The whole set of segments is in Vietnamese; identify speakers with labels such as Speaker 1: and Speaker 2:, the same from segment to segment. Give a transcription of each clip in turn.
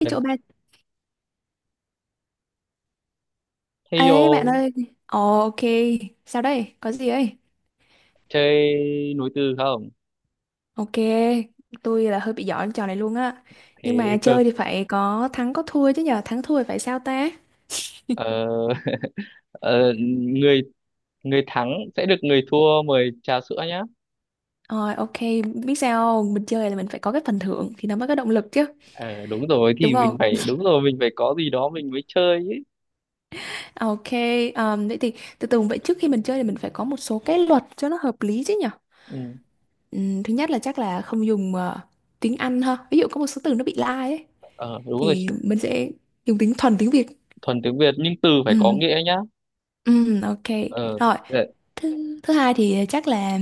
Speaker 1: Cái
Speaker 2: Đấy.
Speaker 1: chỗ bạn
Speaker 2: Thế
Speaker 1: ấy bạn
Speaker 2: vô
Speaker 1: ơi. Ồ, ok, sao đây có gì ấy.
Speaker 2: chơi nối từ không?
Speaker 1: Ok, tôi là hơi bị giỏi trò này luôn á. Nhưng
Speaker 2: Thế
Speaker 1: mà
Speaker 2: cơ.
Speaker 1: chơi thì phải có thắng có thua chứ, nhờ thắng thua thì phải sao ta.
Speaker 2: Ờ, ờ, người người thắng sẽ được người thua mời trà sữa nhá.
Speaker 1: Rồi, ok. Biết sao không? Mình chơi là mình phải có cái phần thưởng thì nó mới có động lực chứ,
Speaker 2: Ờ, Đúng rồi
Speaker 1: đúng
Speaker 2: thì mình
Speaker 1: không?
Speaker 2: phải đúng rồi mình phải có gì đó mình mới chơi ấy.
Speaker 1: Ok. Vậy thì từ từ vậy, trước khi mình chơi thì mình phải có một số cái luật cho nó hợp lý chứ nhở.
Speaker 2: Ừ.
Speaker 1: Thứ nhất là chắc là không dùng tiếng Anh ha, ví dụ có một số từ nó bị lai ấy,
Speaker 2: Ờ, Đúng rồi
Speaker 1: thì mình sẽ dùng tiếng thuần tiếng Việt.
Speaker 2: thuần tiếng Việt nhưng từ phải
Speaker 1: Ừ.
Speaker 2: có nghĩa nhá.
Speaker 1: Ok.
Speaker 2: Ờ,
Speaker 1: Rồi,
Speaker 2: ờ,
Speaker 1: thứ thứ hai thì chắc là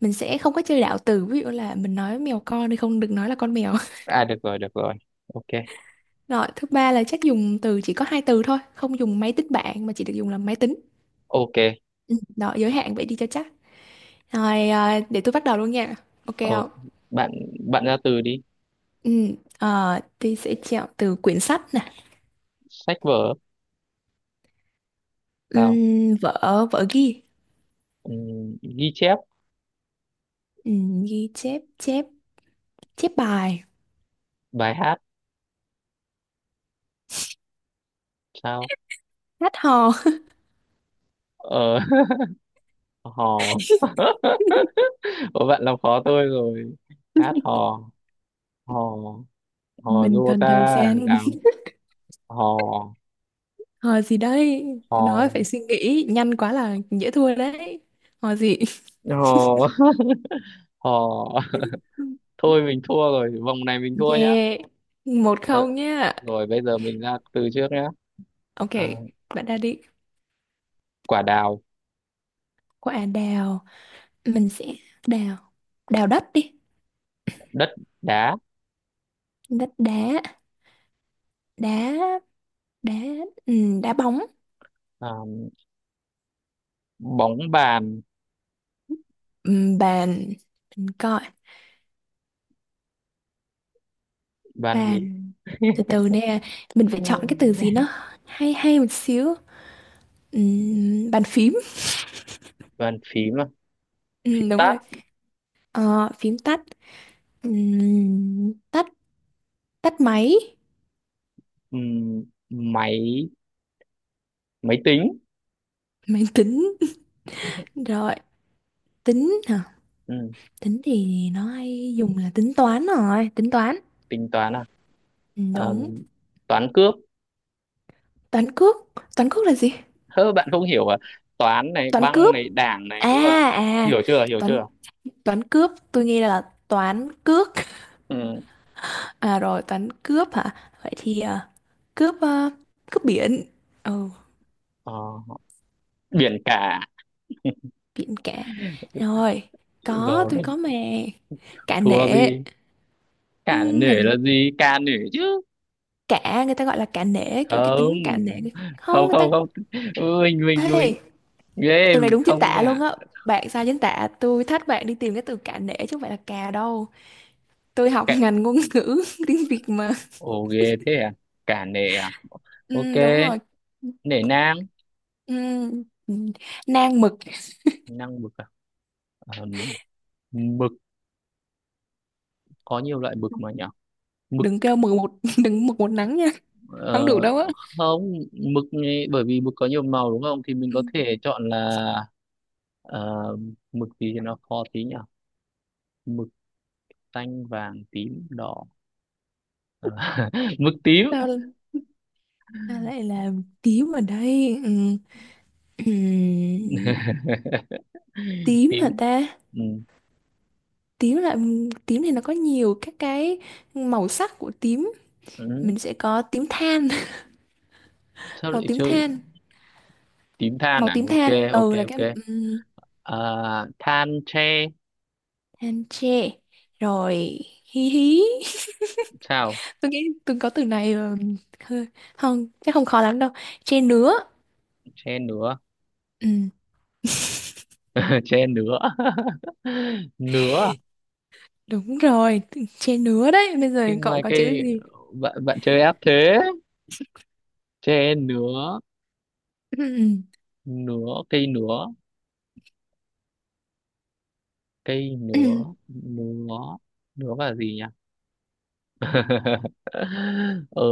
Speaker 1: mình sẽ không có chơi đạo từ, ví dụ là mình nói mèo con thì không được nói là con mèo.
Speaker 2: Được rồi được rồi. Ok
Speaker 1: Rồi, thứ ba là chắc dùng từ chỉ có hai từ thôi, không dùng máy tính bảng mà chỉ được dùng là máy tính.
Speaker 2: ok.
Speaker 1: Ừ. Đó, giới hạn vậy đi cho chắc. Rồi, à, để tôi bắt đầu luôn nha. Ok
Speaker 2: Ờ,
Speaker 1: không?
Speaker 2: bạn bạn ra từ đi.
Speaker 1: Ừ, tôi sẽ chọn từ quyển sách nè.
Speaker 2: Sách vở sao?
Speaker 1: Vở, vở ghi.
Speaker 2: Ừ, ghi chép
Speaker 1: Ghi chép, chép, chép bài.
Speaker 2: bài hát sao?
Speaker 1: Hát hò.
Speaker 2: Ờ, hò. Ủa bạn làm khó tôi rồi, hát hò, hò hò
Speaker 1: Mình
Speaker 2: du
Speaker 1: cần
Speaker 2: ta
Speaker 1: thời gian.
Speaker 2: nào, hò
Speaker 1: Hỏi gì đây? Tôi nói
Speaker 2: hò
Speaker 1: phải suy nghĩ, nhanh quá là dễ thua đấy. Hỏi gì?
Speaker 2: hò, hò. Thôi mình thua rồi, vòng này mình thua nhá.
Speaker 1: Yeah, một
Speaker 2: Ờ,
Speaker 1: không nhá.
Speaker 2: Rồi bây giờ mình ra từ trước nhá.
Speaker 1: Ok,
Speaker 2: À,
Speaker 1: bạn đã đi.
Speaker 2: quả đào.
Speaker 1: Quả đào, mình sẽ đào, đào đất đi.
Speaker 2: Đất đá.
Speaker 1: Đất đá, đá, đá, đá bóng.
Speaker 2: À, bóng bàn.
Speaker 1: Bàn, mình coi,
Speaker 2: Bàn gì?
Speaker 1: bàn. Từ từ nè, mình phải
Speaker 2: Ừ.
Speaker 1: chọn cái từ gì nó hay hay một xíu. Bàn phím.
Speaker 2: Bàn phím à? Phím
Speaker 1: Đúng
Speaker 2: tát.
Speaker 1: rồi. Ờ, phím tắt. Tắt, tắt máy.
Speaker 2: Ừm, máy máy tính.
Speaker 1: Máy tính. Rồi, tính hả?
Speaker 2: Ừm,
Speaker 1: Tính thì nó hay dùng là tính toán, rồi tính toán.
Speaker 2: Tính toán à?
Speaker 1: Ừ,
Speaker 2: Ờ,
Speaker 1: đúng.
Speaker 2: Toán cướp.
Speaker 1: Toán cướp, toán cướp là gì?
Speaker 2: Hơ, bạn không hiểu à? Toán này
Speaker 1: Toán
Speaker 2: băng
Speaker 1: cướp,
Speaker 2: này đảng này
Speaker 1: à,
Speaker 2: nữa ấy.
Speaker 1: à,
Speaker 2: Hiểu chưa hiểu
Speaker 1: toán,
Speaker 2: chưa?
Speaker 1: toán cướp, tôi nghĩ là toán cướp.
Speaker 2: Ừ.
Speaker 1: À rồi, toán cướp hả? Vậy thì à, cướp biển. Ừ,
Speaker 2: ờ, Biển cả.
Speaker 1: biển cả. Rồi, có tôi
Speaker 2: Rồi.
Speaker 1: có mà. Cả
Speaker 2: Thua
Speaker 1: nể.
Speaker 2: gì? Cả là
Speaker 1: Làm
Speaker 2: nể
Speaker 1: gì?
Speaker 2: là gì, ca nể chứ?
Speaker 1: Cả, người ta gọi là cả nể, kiểu cái
Speaker 2: Không
Speaker 1: tính cả nể. Không,
Speaker 2: không
Speaker 1: người ta...
Speaker 2: không không. Ừ, mình mình
Speaker 1: Ê,
Speaker 2: mình ghê
Speaker 1: từ này đúng chính
Speaker 2: không
Speaker 1: tả luôn
Speaker 2: nha.
Speaker 1: á, bạn sai chính tả. Tôi thách bạn đi tìm cái từ cả nể chứ không phải là cà đâu. Tôi học
Speaker 2: Cả.
Speaker 1: ngành ngôn ngữ tiếng Việt mà.
Speaker 2: Ồ, ghê thế à? Cả nể à? Ok.
Speaker 1: Ừ, đúng rồi.
Speaker 2: Nể nang.
Speaker 1: Ừ, ừ. Nang mực.
Speaker 2: Nang mực à? Ờ, mực có nhiều loại mực mà nhỉ. Mực.
Speaker 1: Đừng kêu mực một đừng mực một nắng nha, không
Speaker 2: Ờ,
Speaker 1: được đâu á.
Speaker 2: Không mực ấy, bởi vì mực có nhiều màu đúng không thì mình
Speaker 1: Ừ.
Speaker 2: có thể chọn là ờ, mực gì thì nó khó tí nhỉ. Mực xanh vàng tím đỏ. Ờ, mực tím.
Speaker 1: Sao, sao lại là tím ở đây? Ừ. Ừ. Tím hả
Speaker 2: Tím.
Speaker 1: ta?
Speaker 2: Ừ.
Speaker 1: Tím là, tím thì nó có nhiều các cái màu sắc của tím.
Speaker 2: Ừ.
Speaker 1: Mình sẽ có tím than.
Speaker 2: Sao
Speaker 1: Màu
Speaker 2: lại
Speaker 1: tím
Speaker 2: chơi?
Speaker 1: than.
Speaker 2: Tím than
Speaker 1: Màu
Speaker 2: à?
Speaker 1: tím
Speaker 2: Ok
Speaker 1: than
Speaker 2: ok
Speaker 1: ừ là cái.
Speaker 2: ok.
Speaker 1: Ừ.
Speaker 2: À, than tre.
Speaker 1: Anh chê. Rồi, hí hí.
Speaker 2: Sao?
Speaker 1: Tôi nghĩ tôi có từ này ờ, hơi không chắc không khó lắm đâu. Chê nứa.
Speaker 2: Tre nứa.
Speaker 1: Ừ,
Speaker 2: Tre nứa. Nứa à?
Speaker 1: đúng rồi. Chê nứa đấy, bây giờ
Speaker 2: Cái ngoài
Speaker 1: cậu có chữ
Speaker 2: cây,
Speaker 1: gì?
Speaker 2: bạn bạn chơi ép thế. Tre nứa,
Speaker 1: Ừ.
Speaker 2: nứa cây nứa, cây nứa, nứa nứa và gì nhỉ? ờ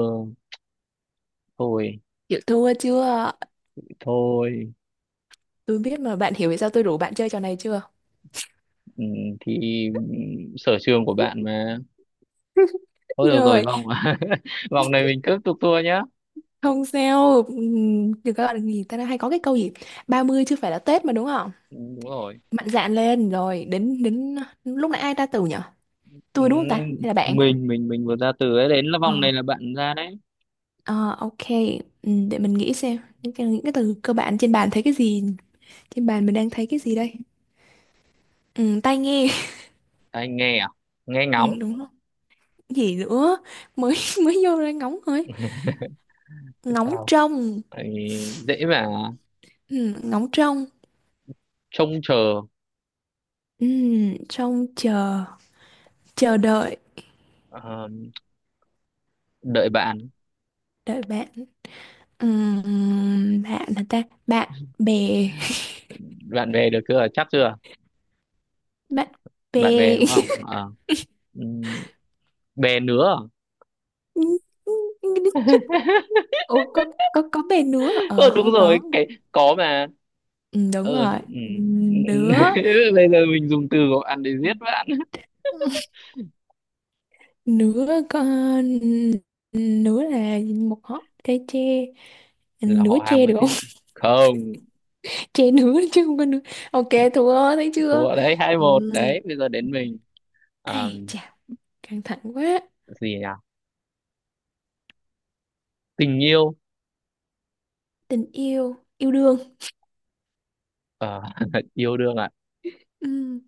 Speaker 2: Thôi
Speaker 1: Chịu thua chưa?
Speaker 2: thôi.
Speaker 1: Tôi biết mà, bạn hiểu vì sao tôi rủ bạn chơi trò này chưa?
Speaker 2: Ừ, thì sở trường của bạn mà. Thôi được rồi,
Speaker 1: Rồi,
Speaker 2: vòng. Vòng này mình tiếp tục thua nhá.
Speaker 1: không sao. Thì các bạn thì ta hay có cái câu gì, 30 chứ phải là Tết mà, đúng không?
Speaker 2: Ừ, đúng rồi.
Speaker 1: Mạnh dạn lên. Rồi đến đến lúc nãy ai ta từ nhở,
Speaker 2: Ừ,
Speaker 1: tôi đúng không ta hay là bạn?
Speaker 2: mình vừa ra từ ấy đến là
Speaker 1: Ờ.
Speaker 2: vòng này là bạn ra đấy.
Speaker 1: Ờ, ok, ừ, để mình nghĩ xem những cái, từ cơ bản trên bàn thấy cái gì. Trên bàn mình đang thấy cái gì đây? Ừ, tai nghe.
Speaker 2: Anh nghe à? Nghe ngóng.
Speaker 1: Ừ, đúng rồi. Gì nữa? Mới mới vô ra ngóng thôi. Ngóng
Speaker 2: Sao?
Speaker 1: trông.
Speaker 2: Tại. Dễ mà.
Speaker 1: Ừ, ngóng trông.
Speaker 2: Trông chờ.
Speaker 1: Ừ, trông chờ. Chờ đợi.
Speaker 2: ờ, Đợi bạn.
Speaker 1: Đợi bạn. Ừ, bạn là ta bạn, bè.
Speaker 2: Bạn về được chưa, chắc chưa?
Speaker 1: Bạn bè.
Speaker 2: Bạn bè đúng không? Ờ. Ừm, Bè nữa à?
Speaker 1: Ủa, có, có bè nữa, ờ
Speaker 2: Ờ Đúng
Speaker 1: hơi
Speaker 2: rồi
Speaker 1: có.
Speaker 2: cái có mà
Speaker 1: Ừ, đúng
Speaker 2: ờ
Speaker 1: rồi.
Speaker 2: ừm.
Speaker 1: Nữa.
Speaker 2: Bây giờ mình dùng từ của bạn để giết bạn.
Speaker 1: Ừ. Nửa con, nửa là một hót trái tre,
Speaker 2: Là
Speaker 1: nửa
Speaker 2: họ hàng
Speaker 1: tre
Speaker 2: với
Speaker 1: được không?
Speaker 2: thế. Không.
Speaker 1: Tre nửa chứ không có nửa. Ok, thua thấy chưa?
Speaker 2: Thua đấy, 2-1
Speaker 1: Ừm,
Speaker 2: đấy. Bây giờ đến mình. À,
Speaker 1: ai chà, căng thẳng quá.
Speaker 2: gì nhỉ? Tình yêu.
Speaker 1: Tình yêu, yêu đương.
Speaker 2: Ờ, yêu đương à?
Speaker 1: Ừm,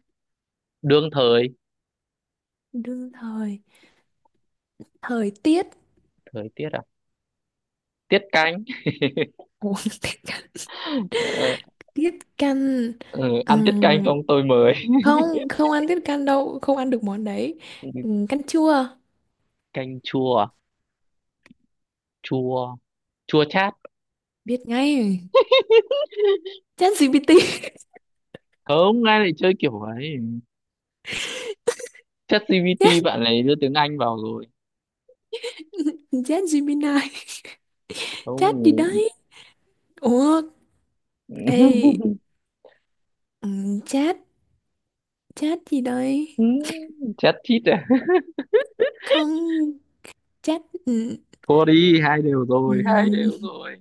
Speaker 2: Đương thời.
Speaker 1: đương thời. Thời tiết.
Speaker 2: Thời tiết à? Tiết canh.
Speaker 1: Ủa, tiết canh.
Speaker 2: Ờ,
Speaker 1: Tiết canh.
Speaker 2: ừ, ăn tiết canh
Speaker 1: Ừm,
Speaker 2: xong tôi mới.
Speaker 1: không, không ăn tiết canh đâu, không ăn được món đấy. Canh chua.
Speaker 2: Canh chua à? Chua, chua chát.
Speaker 1: Biết ngay. Chat GPT.
Speaker 2: Không ai lại chơi kiểu ấy. ChatGPT,
Speaker 1: Chat,
Speaker 2: bạn này đưa tiếng Anh vào rồi.
Speaker 1: chat Gemini. Chat gì
Speaker 2: Không.
Speaker 1: đấy. Ủa, ê, ừ, chat, chat gì đây?
Speaker 2: Chat chít à?
Speaker 1: Không, chat, ừ,
Speaker 2: Thôi đi, hai đều
Speaker 1: ừ,
Speaker 2: rồi, hai đều rồi.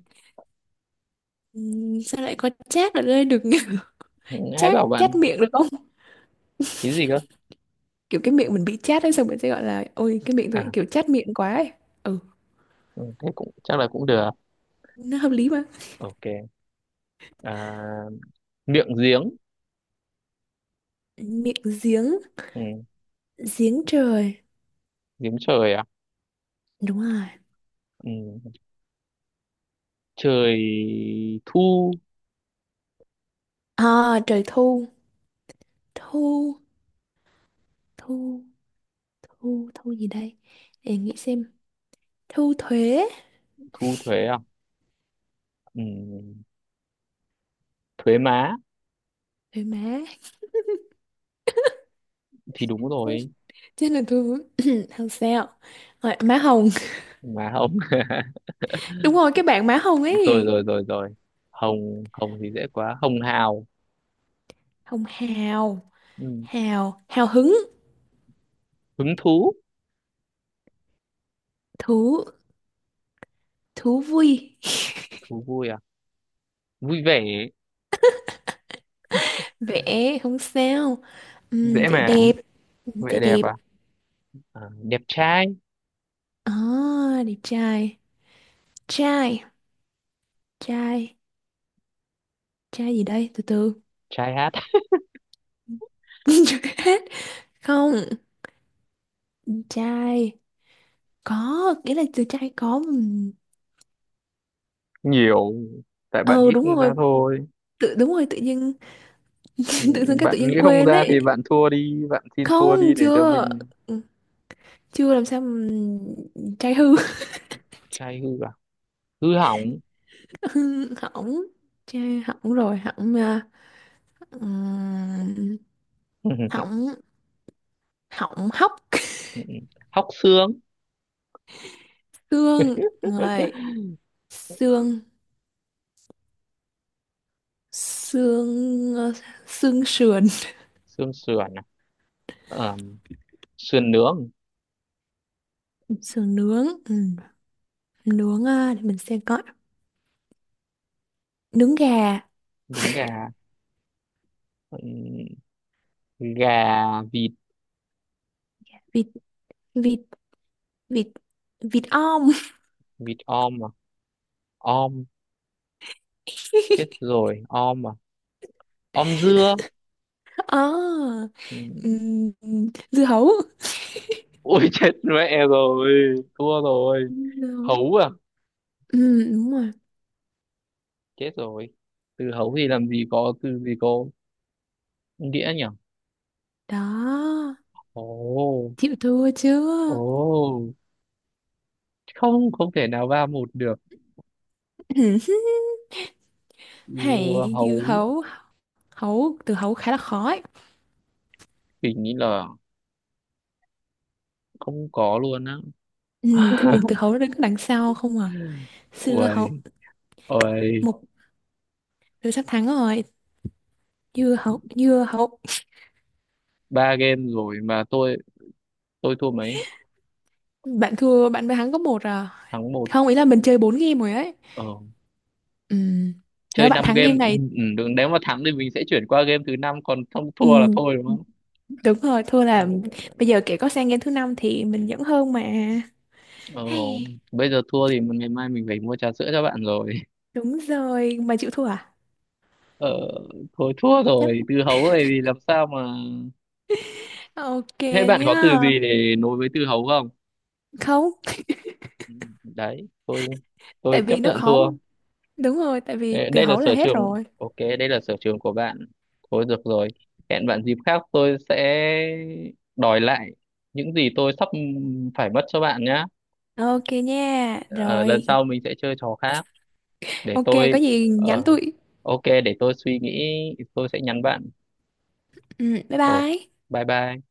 Speaker 1: ừ, sao lại có chat ở đây được nhỉ?
Speaker 2: Ừ, hãy
Speaker 1: Chat,
Speaker 2: bảo
Speaker 1: chat
Speaker 2: bạn.
Speaker 1: miệng được không?
Speaker 2: Cái gì cơ?
Speaker 1: Kiểu cái miệng mình bị chat ấy, xong mình sẽ gọi là, ôi, cái miệng tôi
Speaker 2: À,
Speaker 1: kiểu chat miệng quá ấy. Ừ,
Speaker 2: ừ, thế cũng chắc là cũng được.
Speaker 1: nó hợp lý mà.
Speaker 2: Ok. À, miệng giếng.
Speaker 1: Miệng giếng,
Speaker 2: Ừ,
Speaker 1: giếng trời,
Speaker 2: giếng trời à?
Speaker 1: đúng rồi.
Speaker 2: Ừ, trời thu.
Speaker 1: À, trời thu, thu, thu, thu, thu gì đây? Để nghĩ xem, thu thuế,
Speaker 2: Thu thuế à? Ừ, thuế má
Speaker 1: thuế má.
Speaker 2: thì đúng rồi.
Speaker 1: Chắc là tôi không sao. Rồi, má Hồng.
Speaker 2: Má không.
Speaker 1: Đúng rồi, cái bạn má Hồng
Speaker 2: Rồi
Speaker 1: ấy.
Speaker 2: rồi rồi rồi, hồng hồng thì dễ quá, hồng hào.
Speaker 1: Hồng hào,
Speaker 2: Ừ.
Speaker 1: hào hứng.
Speaker 2: Hứng thú.
Speaker 1: Thú, thú vui.
Speaker 2: Thú vui à? Vui vẻ.
Speaker 1: Vẽ không sao.
Speaker 2: Dễ
Speaker 1: Vẽ
Speaker 2: mà.
Speaker 1: đẹp.
Speaker 2: Vẻ
Speaker 1: Vẽ
Speaker 2: đẹp
Speaker 1: đẹp
Speaker 2: à? À, đẹp trai.
Speaker 1: à, đẹp trai. Trai, trai, trai gì đây, từ từ.
Speaker 2: Trai hát.
Speaker 1: Chưa hết. Không, trai có nghĩa là, từ trai có, ừm.
Speaker 2: Nhiều. Tại bạn
Speaker 1: Ờ
Speaker 2: nghĩ
Speaker 1: đúng
Speaker 2: không ra
Speaker 1: rồi,
Speaker 2: thôi.
Speaker 1: tự đúng rồi, tự nhiên.
Speaker 2: Ừ,
Speaker 1: Tự dưng cái tự
Speaker 2: bạn
Speaker 1: nhiên
Speaker 2: nghĩ không
Speaker 1: quên
Speaker 2: ra
Speaker 1: ấy.
Speaker 2: thì bạn thua đi, bạn xin thua
Speaker 1: Không,
Speaker 2: đi để cho
Speaker 1: chưa.
Speaker 2: mình.
Speaker 1: Ừ, chưa, làm sao mà. Trai hư.
Speaker 2: Trai hư à? Hư hỏng.
Speaker 1: Hỏng, trai hỏng rồi, hỏng à, ừm, hỏng, hỏng hóc.
Speaker 2: Hóc xương.
Speaker 1: Xương người. Xương xương ờ, xương sườn.
Speaker 2: Xương sườn à? Ờ, Sườn nướng.
Speaker 1: Sườn nướng. Ừ. Nướng ờ, để mình xem coi, nướng gà.
Speaker 2: Trứng gà. Ừ, gà vịt.
Speaker 1: Vịt, vịt, vịt, vịt om.
Speaker 2: Vịt om à? Om. Chết rồi, om à? Om dưa.
Speaker 1: À,
Speaker 2: Ừ.
Speaker 1: ừm, dưa hấu.
Speaker 2: Ui, chết mẹ rồi, thua rồi.
Speaker 1: Dưa hấu.
Speaker 2: Hấu à?
Speaker 1: Ừ, đúng rồi.
Speaker 2: Chết rồi. Từ hấu thì làm gì có từ gì có nghĩa nhỉ?
Speaker 1: Đó,
Speaker 2: Ồ.
Speaker 1: chịu thua
Speaker 2: Ồ,
Speaker 1: chưa?
Speaker 2: không không thể nào 3-1 được. Dưa
Speaker 1: Hãy dư
Speaker 2: hấu
Speaker 1: hấu, hấu, từ hấu khá là khó ấy.
Speaker 2: thì nghĩ là không có luôn á.
Speaker 1: Ừ, tại vì từ hấu nó đứng đằng sau không à. Xưa hấu.
Speaker 2: Uầy, uầy.
Speaker 1: Một, tôi sắp thắng rồi. Dưa hấu, dưa hấu.
Speaker 2: Ba game rồi mà tôi thua mấy?
Speaker 1: Bạn thua, bạn mới thắng có một à.
Speaker 2: Thắng một.
Speaker 1: Không, ý là mình chơi 4 game rồi ấy.
Speaker 2: Ờ,
Speaker 1: Ừ. Nếu
Speaker 2: Chơi
Speaker 1: bạn
Speaker 2: năm
Speaker 1: thắng
Speaker 2: game.
Speaker 1: game
Speaker 2: Ừ,
Speaker 1: này,
Speaker 2: ừ, đừng nếu mà thắng thì mình sẽ chuyển qua game thứ năm còn không thua là
Speaker 1: ừ,
Speaker 2: thôi đúng không?
Speaker 1: đúng rồi, thua là
Speaker 2: Ừ.
Speaker 1: bây giờ kể có sang game thứ năm thì mình vẫn hơn mà.
Speaker 2: Ồ,
Speaker 1: Hay,
Speaker 2: bây giờ thua thì ngày mai mình phải mua trà sữa cho bạn rồi.
Speaker 1: đúng rồi, mà chịu thua à?
Speaker 2: Ờ, Thôi thua
Speaker 1: Chắc.
Speaker 2: rồi, từ hấu này thì làm sao mà...
Speaker 1: Ok
Speaker 2: Thế bạn có từ
Speaker 1: nhá.
Speaker 2: gì để nối với từ hấu không?
Speaker 1: Không,
Speaker 2: Ừ, đấy, tôi
Speaker 1: tại
Speaker 2: chấp
Speaker 1: vì nó
Speaker 2: nhận
Speaker 1: khó,
Speaker 2: thua.
Speaker 1: đúng rồi, tại vì
Speaker 2: Ê,
Speaker 1: từ
Speaker 2: đây là
Speaker 1: hấu là
Speaker 2: sở
Speaker 1: hết
Speaker 2: trường,
Speaker 1: rồi.
Speaker 2: ok, đây là sở trường của bạn. Thôi được rồi, hẹn bạn dịp khác tôi sẽ đòi lại những gì tôi sắp phải mất cho bạn nhá.
Speaker 1: Ok nha.
Speaker 2: Ờ,
Speaker 1: Rồi,
Speaker 2: Lần sau mình sẽ chơi trò khác để
Speaker 1: ok
Speaker 2: tôi...
Speaker 1: có gì nhắn
Speaker 2: Ờ,
Speaker 1: tụi.
Speaker 2: ok, để tôi suy nghĩ, tôi sẽ nhắn bạn.
Speaker 1: Ừ, bye
Speaker 2: Ồ,
Speaker 1: bye.
Speaker 2: bye bye.